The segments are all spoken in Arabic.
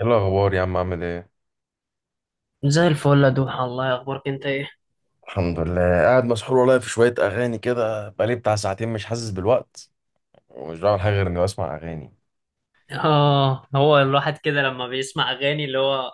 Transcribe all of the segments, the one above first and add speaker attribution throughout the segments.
Speaker 1: ايه الاخبار يا عم؟ عامل ايه؟
Speaker 2: زي الفل يا دوحة، الله يخبرك. انت ايه؟
Speaker 1: الحمد لله، قاعد مسحول والله في شوية أغاني كده، بقالي بتاع ساعتين مش حاسس بالوقت، ومش بعمل حاجة غير إني بسمع أغاني.
Speaker 2: اه، هو الواحد كده لما بيسمع اغاني، اللي هو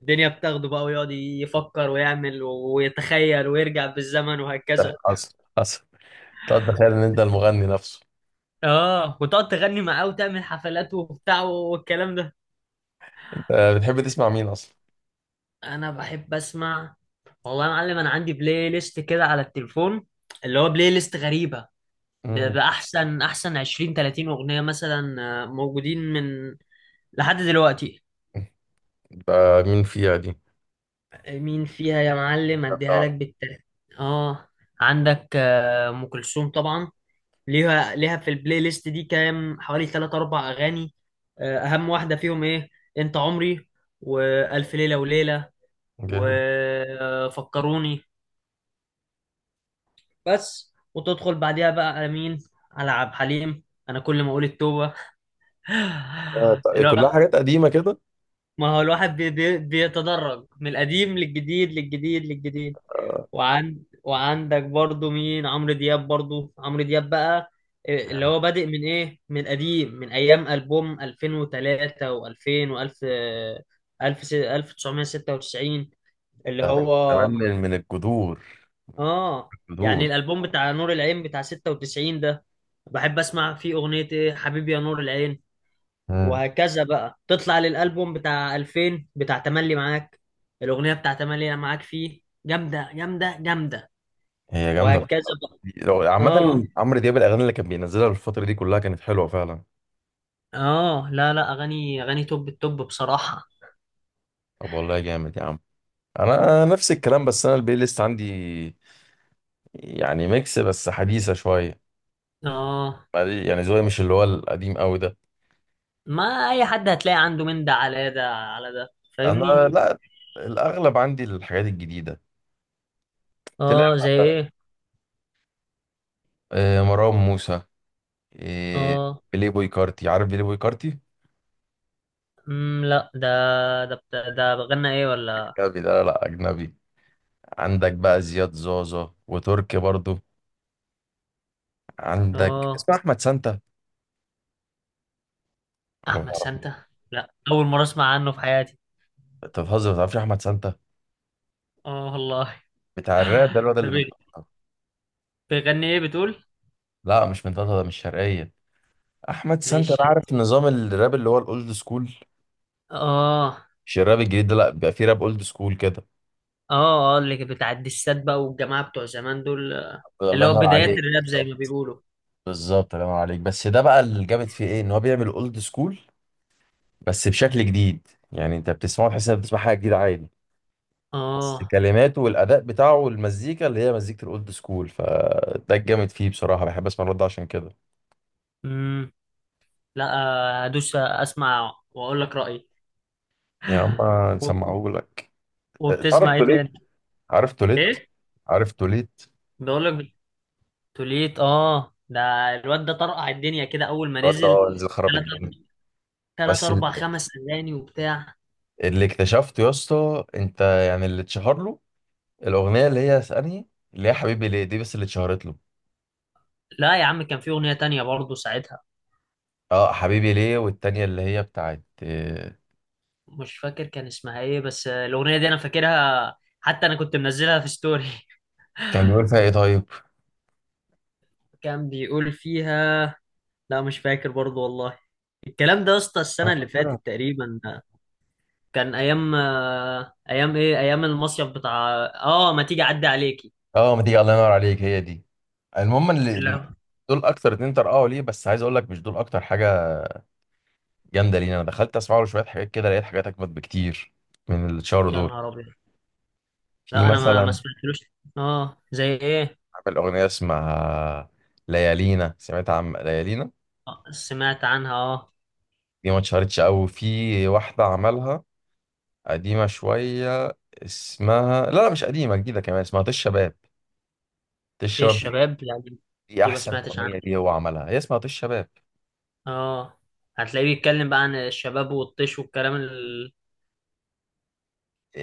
Speaker 2: الدنيا بتاخده بقى ويقعد يفكر ويعمل ويتخيل ويرجع بالزمن وهكذا.
Speaker 1: حصل حصل. تقعد تخيل إن أنت المغني نفسه.
Speaker 2: اه وتقعد تغني معاه وتعمل حفلات وبتاع والكلام ده.
Speaker 1: أنت بتحب تسمع مين أصلا؟
Speaker 2: انا بحب اسمع. والله يا معلم انا عندي بلاي ليست كده على التليفون، اللي هو بلاي ليست غريبة. ب-
Speaker 1: مم.
Speaker 2: بأحسن أحسن 20 30 أغنية مثلا، موجودين من لحد دلوقتي.
Speaker 1: ده مين فيها دي؟
Speaker 2: مين فيها يا معلم؟
Speaker 1: ده
Speaker 2: اديها لك
Speaker 1: بتاع-
Speaker 2: بالترتيب. اه، عندك ام كلثوم طبعا. ليها في البلاي ليست دي كام، حوالي 3 4 اغاني. اهم واحده فيهم ايه؟ انت عمري، والف ليله وليله،
Speaker 1: جامد.
Speaker 2: وفكروني بس. وتدخل بعديها بقى على مين؟ على عبد الحليم. انا كل ما اقول التوبه.
Speaker 1: طيب، كلها
Speaker 2: الواحد،
Speaker 1: حاجات قديمة كده.
Speaker 2: ما هو الواحد بي بي بيتدرج من القديم للجديد للجديد للجديد. وعندك برضو مين؟ عمرو دياب، برضو عمرو دياب بقى. اللي هو بادئ من ايه، من قديم، من ايام البوم 2003 و2000 و1000 1000 1996، اللي
Speaker 1: ده من
Speaker 2: هو.
Speaker 1: زمان، من الجذور.
Speaker 2: اه
Speaker 1: الجذور.
Speaker 2: يعني الالبوم بتاع نور العين بتاع 96 ده، بحب اسمع فيه اغنية ايه، حبيبي يا نور العين.
Speaker 1: مم.
Speaker 2: وهكذا بقى تطلع للالبوم بتاع 2000 بتاع تملي معاك، الاغنية بتاع تملي معاك فيه جامدة جامدة جامدة.
Speaker 1: هي جامده.
Speaker 2: وهكذا بقى. اه
Speaker 1: عامه عمرو دياب، الاغاني اللي كان بينزلها الفتره دي كلها كانت حلوه فعلا.
Speaker 2: اه، لا لا، اغاني اغاني توب التوب بصراحة.
Speaker 1: طب والله جامد يا عم. انا أنا نفس الكلام، بس انا البلاي ليست عندي يعني ميكس بس حديثه شويه.
Speaker 2: اه،
Speaker 1: يعني ذوقي مش اللي هو القديم قوي ده.
Speaker 2: ما اي حد هتلاقي عنده من ده على ده على ده،
Speaker 1: انا
Speaker 2: فاهمني؟
Speaker 1: مم. لا، الاغلب عندي الحاجات الجديده.
Speaker 2: اه،
Speaker 1: تلاقي
Speaker 2: زي ايه؟
Speaker 1: مروان موسى، آه،
Speaker 2: اه،
Speaker 1: بيلي بوي كارتي. عارف بيلي بوي كارتي؟
Speaker 2: لا، ده ده غنى ايه ولا؟
Speaker 1: اجنبي ده، لا اجنبي. عندك بقى زياد زازا وتركي برضو. عندك
Speaker 2: اه،
Speaker 1: اسمه احمد سانتا، ولا ما
Speaker 2: احمد
Speaker 1: تعرفوش؟
Speaker 2: سانتا؟ لا، اول مرة اسمع عنه في حياتي.
Speaker 1: انت بتهزر، ما تعرفش احمد سانتا؟
Speaker 2: اه والله.
Speaker 1: بتاع الراب ده، الواد
Speaker 2: ده
Speaker 1: اللي من
Speaker 2: بي-
Speaker 1: طنطا.
Speaker 2: بيغني ايه بتقول؟
Speaker 1: لا مش من طنطا، ده مش شرقيه. احمد سانتا،
Speaker 2: مش
Speaker 1: انا
Speaker 2: شرقي.
Speaker 1: عارف نظام الراب اللي هو الاولد سكول.
Speaker 2: اه
Speaker 1: مش الراب الجديد ده، لا، بيبقى فيه راب اولد سكول كده.
Speaker 2: اه اه، اللي بتاع الدسات بقى، والجماعة بتوع زمان دول،
Speaker 1: الله
Speaker 2: اللي هو
Speaker 1: ينور
Speaker 2: بدايات
Speaker 1: عليك،
Speaker 2: الراب زي ما
Speaker 1: بالظبط.
Speaker 2: بيقولوا.
Speaker 1: بالظبط الله ينور عليك. بس ده بقى اللي جامد فيه ايه، ان هو بيعمل اولد سكول بس بشكل جديد. يعني انت بتسمعه تحس انك بتسمع حاجه جديده عادي، بس
Speaker 2: اه
Speaker 1: كلماته والاداء بتاعه والمزيكا اللي هي مزيكه الاولد سكول، فده الجامد فيه بصراحه. بحب اسمع الرد عشان كده.
Speaker 2: لا، ادوس اسمع واقول لك رايي.
Speaker 1: يا عم
Speaker 2: و-
Speaker 1: نسمعه لك.
Speaker 2: وبتسمع
Speaker 1: عرفت
Speaker 2: ايه
Speaker 1: ليه؟
Speaker 2: تاني؟
Speaker 1: عرفت ليه؟
Speaker 2: ايه؟
Speaker 1: عرفت ليه؟
Speaker 2: بقول لك، توليت ده. الواد ده طرقع الدنيا كده اول ما
Speaker 1: الرد،
Speaker 2: نزل.
Speaker 1: اه، نزل خرب
Speaker 2: ثلاث
Speaker 1: الدنيا.
Speaker 2: ثلاث
Speaker 1: بس
Speaker 2: اربع، خمس اغاني وبتاع.
Speaker 1: اللي اكتشفته يا اسطى انت، يعني اللي اتشهر له، الاغنيه اللي هي اسألني، اللي هي حبيبي ليه، دي بس اللي اتشهرت له.
Speaker 2: لا يا عم، كان في اغنيه تانية برضه ساعتها.
Speaker 1: اه حبيبي ليه، والتانية اللي هي بتاعت
Speaker 2: مش فاكر كان اسمها ايه، بس الاغنيه دي انا فاكرها، حتى انا كنت منزلها في ستوري.
Speaker 1: كان بيقول فيها ايه طيب؟
Speaker 2: كان بيقول فيها. لا مش فاكر برضه والله. الكلام ده يا اسطى
Speaker 1: أنا
Speaker 2: السنه اللي
Speaker 1: فاكرها.
Speaker 2: فاتت تقريبا، كان ايام ايام ايام المصيف بتاع، اه ما تيجي اعدي عليكي.
Speaker 1: اه ما تيجي، الله ينور عليك، هي دي. المهم اللي،
Speaker 2: لا،
Speaker 1: دول اكتر اتنين طرقعوا ليه، بس عايز اقول لك مش دول اكتر حاجه جامده لينا. انا دخلت اسمع له شويه حاجات كده، لقيت حاجات اجمد بكتير من اللي اتشهروا
Speaker 2: يا
Speaker 1: دول.
Speaker 2: نهار ابيض.
Speaker 1: في
Speaker 2: لا، انا ما
Speaker 1: مثلا،
Speaker 2: سمعتلوش. اه، زي ايه؟
Speaker 1: عامل اغنيه اسمها ليالينا. سمعت عن ليالينا؟
Speaker 2: سمعت عنها اه.
Speaker 1: دي ما اتشهرتش قوي. في واحده عملها قديمة شوية اسمها، لا لا مش قديمة، جديدة كمان، اسمها طش شباب. طش
Speaker 2: في
Speaker 1: شباب دي،
Speaker 2: الشباب؟ لا، دي
Speaker 1: دي
Speaker 2: دي ما
Speaker 1: أحسن
Speaker 2: سمعتش عنها.
Speaker 1: أغنية، دي هو عملها، هي اسمها طش شباب.
Speaker 2: اه، هتلاقيه بيتكلم بقى عن الشباب والطيش والكلام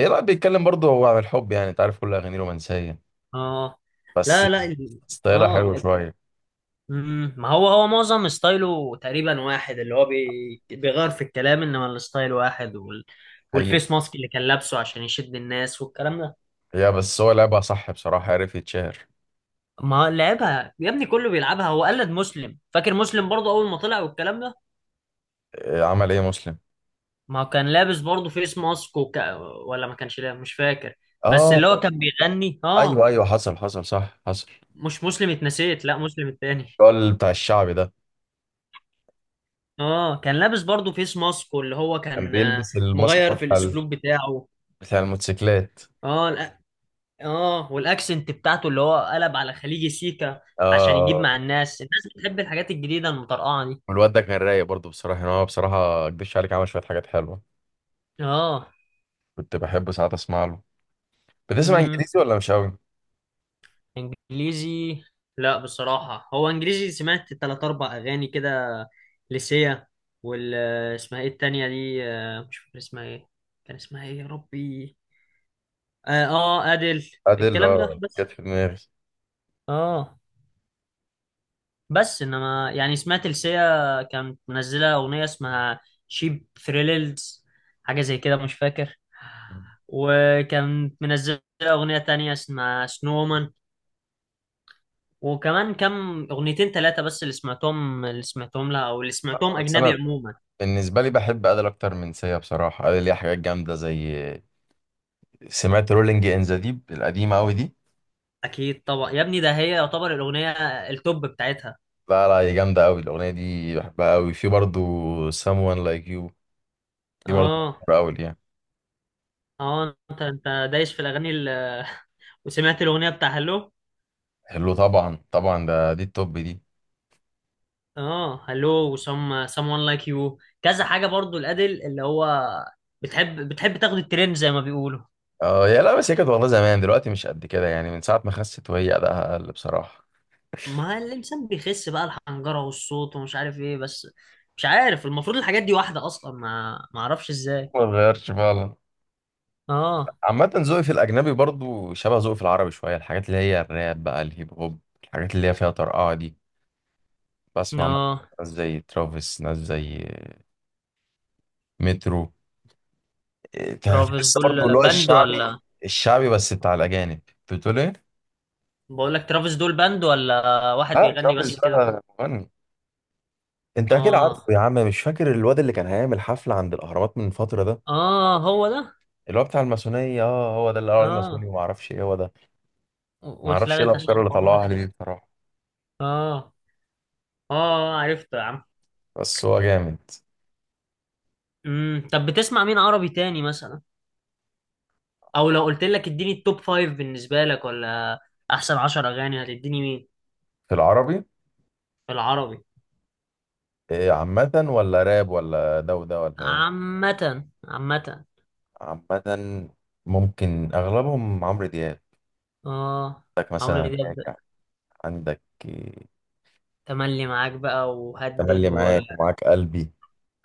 Speaker 1: إيه، لا بيتكلم برضه هو عن الحب. يعني أنت عارف كل أغانيه رومانسية،
Speaker 2: اه
Speaker 1: بس
Speaker 2: لا لا
Speaker 1: ستايلها
Speaker 2: اه
Speaker 1: حلو شوية.
Speaker 2: ما هو معظم ستايله تقريبا واحد، اللي هو بيغير في الكلام، انما الستايل واحد
Speaker 1: حقيقة.
Speaker 2: والفيس ماسك اللي كان لابسه عشان يشد الناس والكلام ده.
Speaker 1: هي بس هو لعبها صح بصراحة، عرف يتشهر.
Speaker 2: ما لعبها يا ابني، كله بيلعبها. هو قلد مسلم، فاكر مسلم برضه اول ما طلع والكلام ده.
Speaker 1: إيه عمل إيه مسلم؟
Speaker 2: ما هو كان لابس برضه فيس ماسك ولا ما كانش لابس، مش فاكر، بس
Speaker 1: آه
Speaker 2: اللي هو كان بيغني اه.
Speaker 1: أيوه أيوه، حصل حصل، صح حصل.
Speaker 2: مش مسلم، اتنسيت، لا مسلم التاني.
Speaker 1: الراجل بتاع الشعبي ده
Speaker 2: اه كان لابس برضه فيس ماسك، واللي هو
Speaker 1: كان
Speaker 2: كان،
Speaker 1: بيلبس الماسك
Speaker 2: مغير في الاسلوب بتاعه.
Speaker 1: بتاع الموتوسيكلات.
Speaker 2: اه اه، والاكسنت بتاعته اللي هو قلب على خليجي سيكا عشان يجيب
Speaker 1: آه.
Speaker 2: مع الناس. الناس بتحب الحاجات الجديدة المطرقعة دي.
Speaker 1: والواد ده كان رايق برضه بصراحة. يعني هو بصراحة ما اكدبش عليك، عمل شوية حاجات حلوة.
Speaker 2: اه،
Speaker 1: كنت بحب ساعات اسمع له. بتسمع انجليزي ولا مش قوي؟
Speaker 2: انجليزي؟ لا بصراحة، هو انجليزي سمعت تلات اربع اغاني كده، لسيا، وال اسمها ايه التانية دي؟ مش فاكر اسمها ايه، كان اسمها ايه يا ربي؟ ادل.
Speaker 1: ادل،
Speaker 2: الكلام ده
Speaker 1: اه،
Speaker 2: بس.
Speaker 1: جت في دماغي.
Speaker 2: اه بس انما يعني، سمعت لسيا كانت منزلة اغنية اسمها شيب ثريلز، حاجة زي كده مش فاكر، وكانت منزلة اغنية تانية اسمها سنومان، وكمان كم اغنيتين ثلاثه بس اللي سمعتهم، لها، او اللي سمعتهم
Speaker 1: بس
Speaker 2: اجنبي
Speaker 1: انا
Speaker 2: عموما.
Speaker 1: بالنسبة لي بحب ادل اكتر من سيا بصراحة. ادل ليها حاجات جامدة، زي، سمعت رولينج ان ذا ديب القديمة قوي دي؟
Speaker 2: اكيد طبعا يا ابني، ده هي يعتبر الاغنيه التوب بتاعتها.
Speaker 1: لا لا، هي جامدة قوي الاغنية دي، بحبها قوي. في برضه someone like you، دي برضه
Speaker 2: اه
Speaker 1: بحبها قوي يعني.
Speaker 2: اه، انت دايس في الاغاني وسمعت الاغنيه بتاع هلو.
Speaker 1: حلو طبعا، طبعا ده، دي التوب دي.
Speaker 2: اه، هلو وسم someone like you، كذا حاجه برضو الادل، اللي هو بتحب تاخد الترند زي ما بيقولوا.
Speaker 1: اه، يا لا، بس هي كانت والله زمان، دلوقتي مش قد كده. يعني من ساعة ما خست وهي أداءها أقل بصراحة،
Speaker 2: ما الانسان بيخس بقى الحنجره والصوت ومش عارف ايه، بس مش عارف المفروض الحاجات دي واحده اصلا، ما اعرفش ازاي.
Speaker 1: ما اتغيرش فعلا.
Speaker 2: اه
Speaker 1: عامة ذوقي في الأجنبي برضو شبه ذوقي في العربي شوية، الحاجات اللي هي الراب بقى، الهيب هوب، الحاجات اللي هي فيها طرقعة دي. بسمع مثلا
Speaker 2: اه،
Speaker 1: ناس زي ترافيس، ناس زي مترو. إيه،
Speaker 2: ترافيس
Speaker 1: تحس
Speaker 2: دول
Speaker 1: برضو اللي هو
Speaker 2: باند
Speaker 1: الشعبي.
Speaker 2: ولا؟
Speaker 1: الشعبي بس بتاع الأجانب. بتقول إيه؟
Speaker 2: بقول لك ترافيس دول باند ولا واحد
Speaker 1: لا
Speaker 2: بيغني
Speaker 1: ترافيس
Speaker 2: بس كده.
Speaker 1: ده مغني. أنت أكيد عارفه
Speaker 2: اه
Speaker 1: يا عم، مش فاكر الواد اللي كان هيعمل حفلة عند الأهرامات من فترة ده؟
Speaker 2: اه، هو ده.
Speaker 1: اللي هو بتاع الماسونية، اه هو ده، اللي قال عليه ماسوني
Speaker 2: اه،
Speaker 1: وما أعرفش إيه، هو ده.
Speaker 2: و-
Speaker 1: ما أعرفش إيه
Speaker 2: واتلغت عشان
Speaker 1: الأفكار اللي
Speaker 2: الحوار ده.
Speaker 1: طلعوها عليه دي بصراحة،
Speaker 2: اه اه، عرفته يا عم.
Speaker 1: بس هو جامد.
Speaker 2: طب بتسمع مين عربي تاني مثلا؟ او لو قلت لك اديني التوب فايف بالنسبة لك، ولا احسن 10 اغاني، هتديني مين؟
Speaker 1: في العربي،
Speaker 2: في العربي.
Speaker 1: إيه، عامة ولا راب ولا ده وده ولا ايه؟
Speaker 2: عامة عامة.
Speaker 1: عامة. ممكن اغلبهم عمرو دياب.
Speaker 2: اه،
Speaker 1: عندك
Speaker 2: عمرو
Speaker 1: مثلا
Speaker 2: دياب،
Speaker 1: راجع، عندك إيه،
Speaker 2: تملي معاك بقى وهدد
Speaker 1: تملي
Speaker 2: و
Speaker 1: معاك ومعاك قلبي،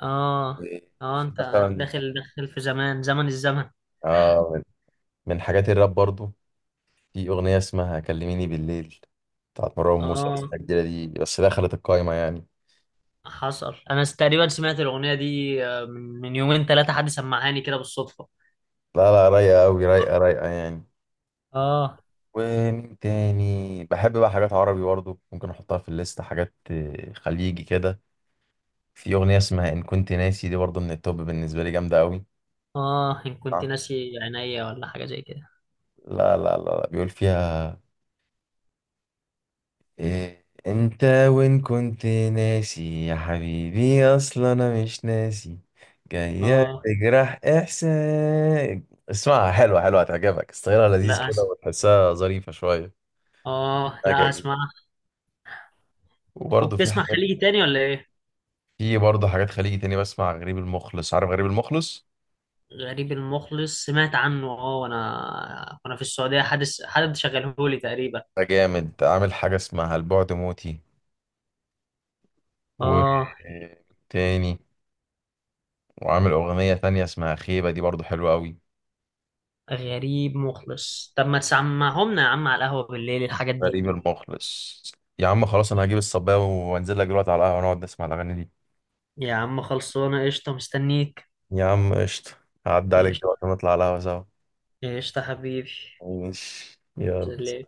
Speaker 2: اه
Speaker 1: إيه،
Speaker 2: اه. انت
Speaker 1: مثلا.
Speaker 2: داخل في زمن الزمن.
Speaker 1: آه، من حاجات الراب برضو، في اغنية اسمها كلميني بالليل بتاعت مروان موسى، لسه
Speaker 2: اه
Speaker 1: الجديدة دي بس دخلت القايمة يعني.
Speaker 2: حصل. انا تقريبا سمعت الاغنيه دي، من يومين ثلاثه، حد سمعهاني كده بالصدفه.
Speaker 1: لا لا، رايقة أوي، رايقة رايقة يعني.
Speaker 2: اه
Speaker 1: ومين تاني بحب بقى؟ حاجات عربي برضو ممكن أحطها في الليست، حاجات خليجي كده. في أغنية اسمها إن كنت ناسي، دي برضه من التوب بالنسبة لي، جامدة أوي.
Speaker 2: اه، ان كنت
Speaker 1: آه.
Speaker 2: ناسي عينيا، ولا حاجه زي كده.
Speaker 1: لا لا لا لا، بيقول فيها إيه، أنت وإن كنت ناسي يا حبيبي أصلا أنا مش ناسي، جاية
Speaker 2: اه
Speaker 1: تجرح إحساس. اسمعها، حلوة حلوة، هتعجبك. ستايلها لذيذ
Speaker 2: لا
Speaker 1: كده، وتحسها ظريفة شوية.
Speaker 2: اه لا،
Speaker 1: أكيد.
Speaker 2: هسمعها.
Speaker 1: وبرضه في
Speaker 2: وبتسمع
Speaker 1: حاجات،
Speaker 2: خليجي تاني ولا ايه؟
Speaker 1: في برضه حاجات خليجي تاني بسمع، غريب المخلص. عارف غريب المخلص؟
Speaker 2: غريب المخلص، سمعت عنه اه، وانا في السعوديه حدث حد شغلهولي تقريبا.
Speaker 1: ده جامد، عامل حاجة اسمها البعد موتي، و
Speaker 2: اه،
Speaker 1: تاني، وعامل أغنية تانية اسمها خيبة، دي برضو حلوة أوي.
Speaker 2: غريب مخلص. طب ما تسمعهمنا يا عم على القهوه بالليل الحاجات دي.
Speaker 1: غريب المخلص. يا عم خلاص، أنا هجيب الصباية وأنزل لك دلوقتي على القهوة، ونقعد نسمع الأغاني دي.
Speaker 2: يا عم خلصانه، قشطه، مستنيك.
Speaker 1: يا عم قشطة. هعدي عليك
Speaker 2: قشطه،
Speaker 1: دلوقتي ونطلع على القهوة سوا.
Speaker 2: قشطه حبيبي.
Speaker 1: ماشي،
Speaker 2: إذن
Speaker 1: يلا.
Speaker 2: ل.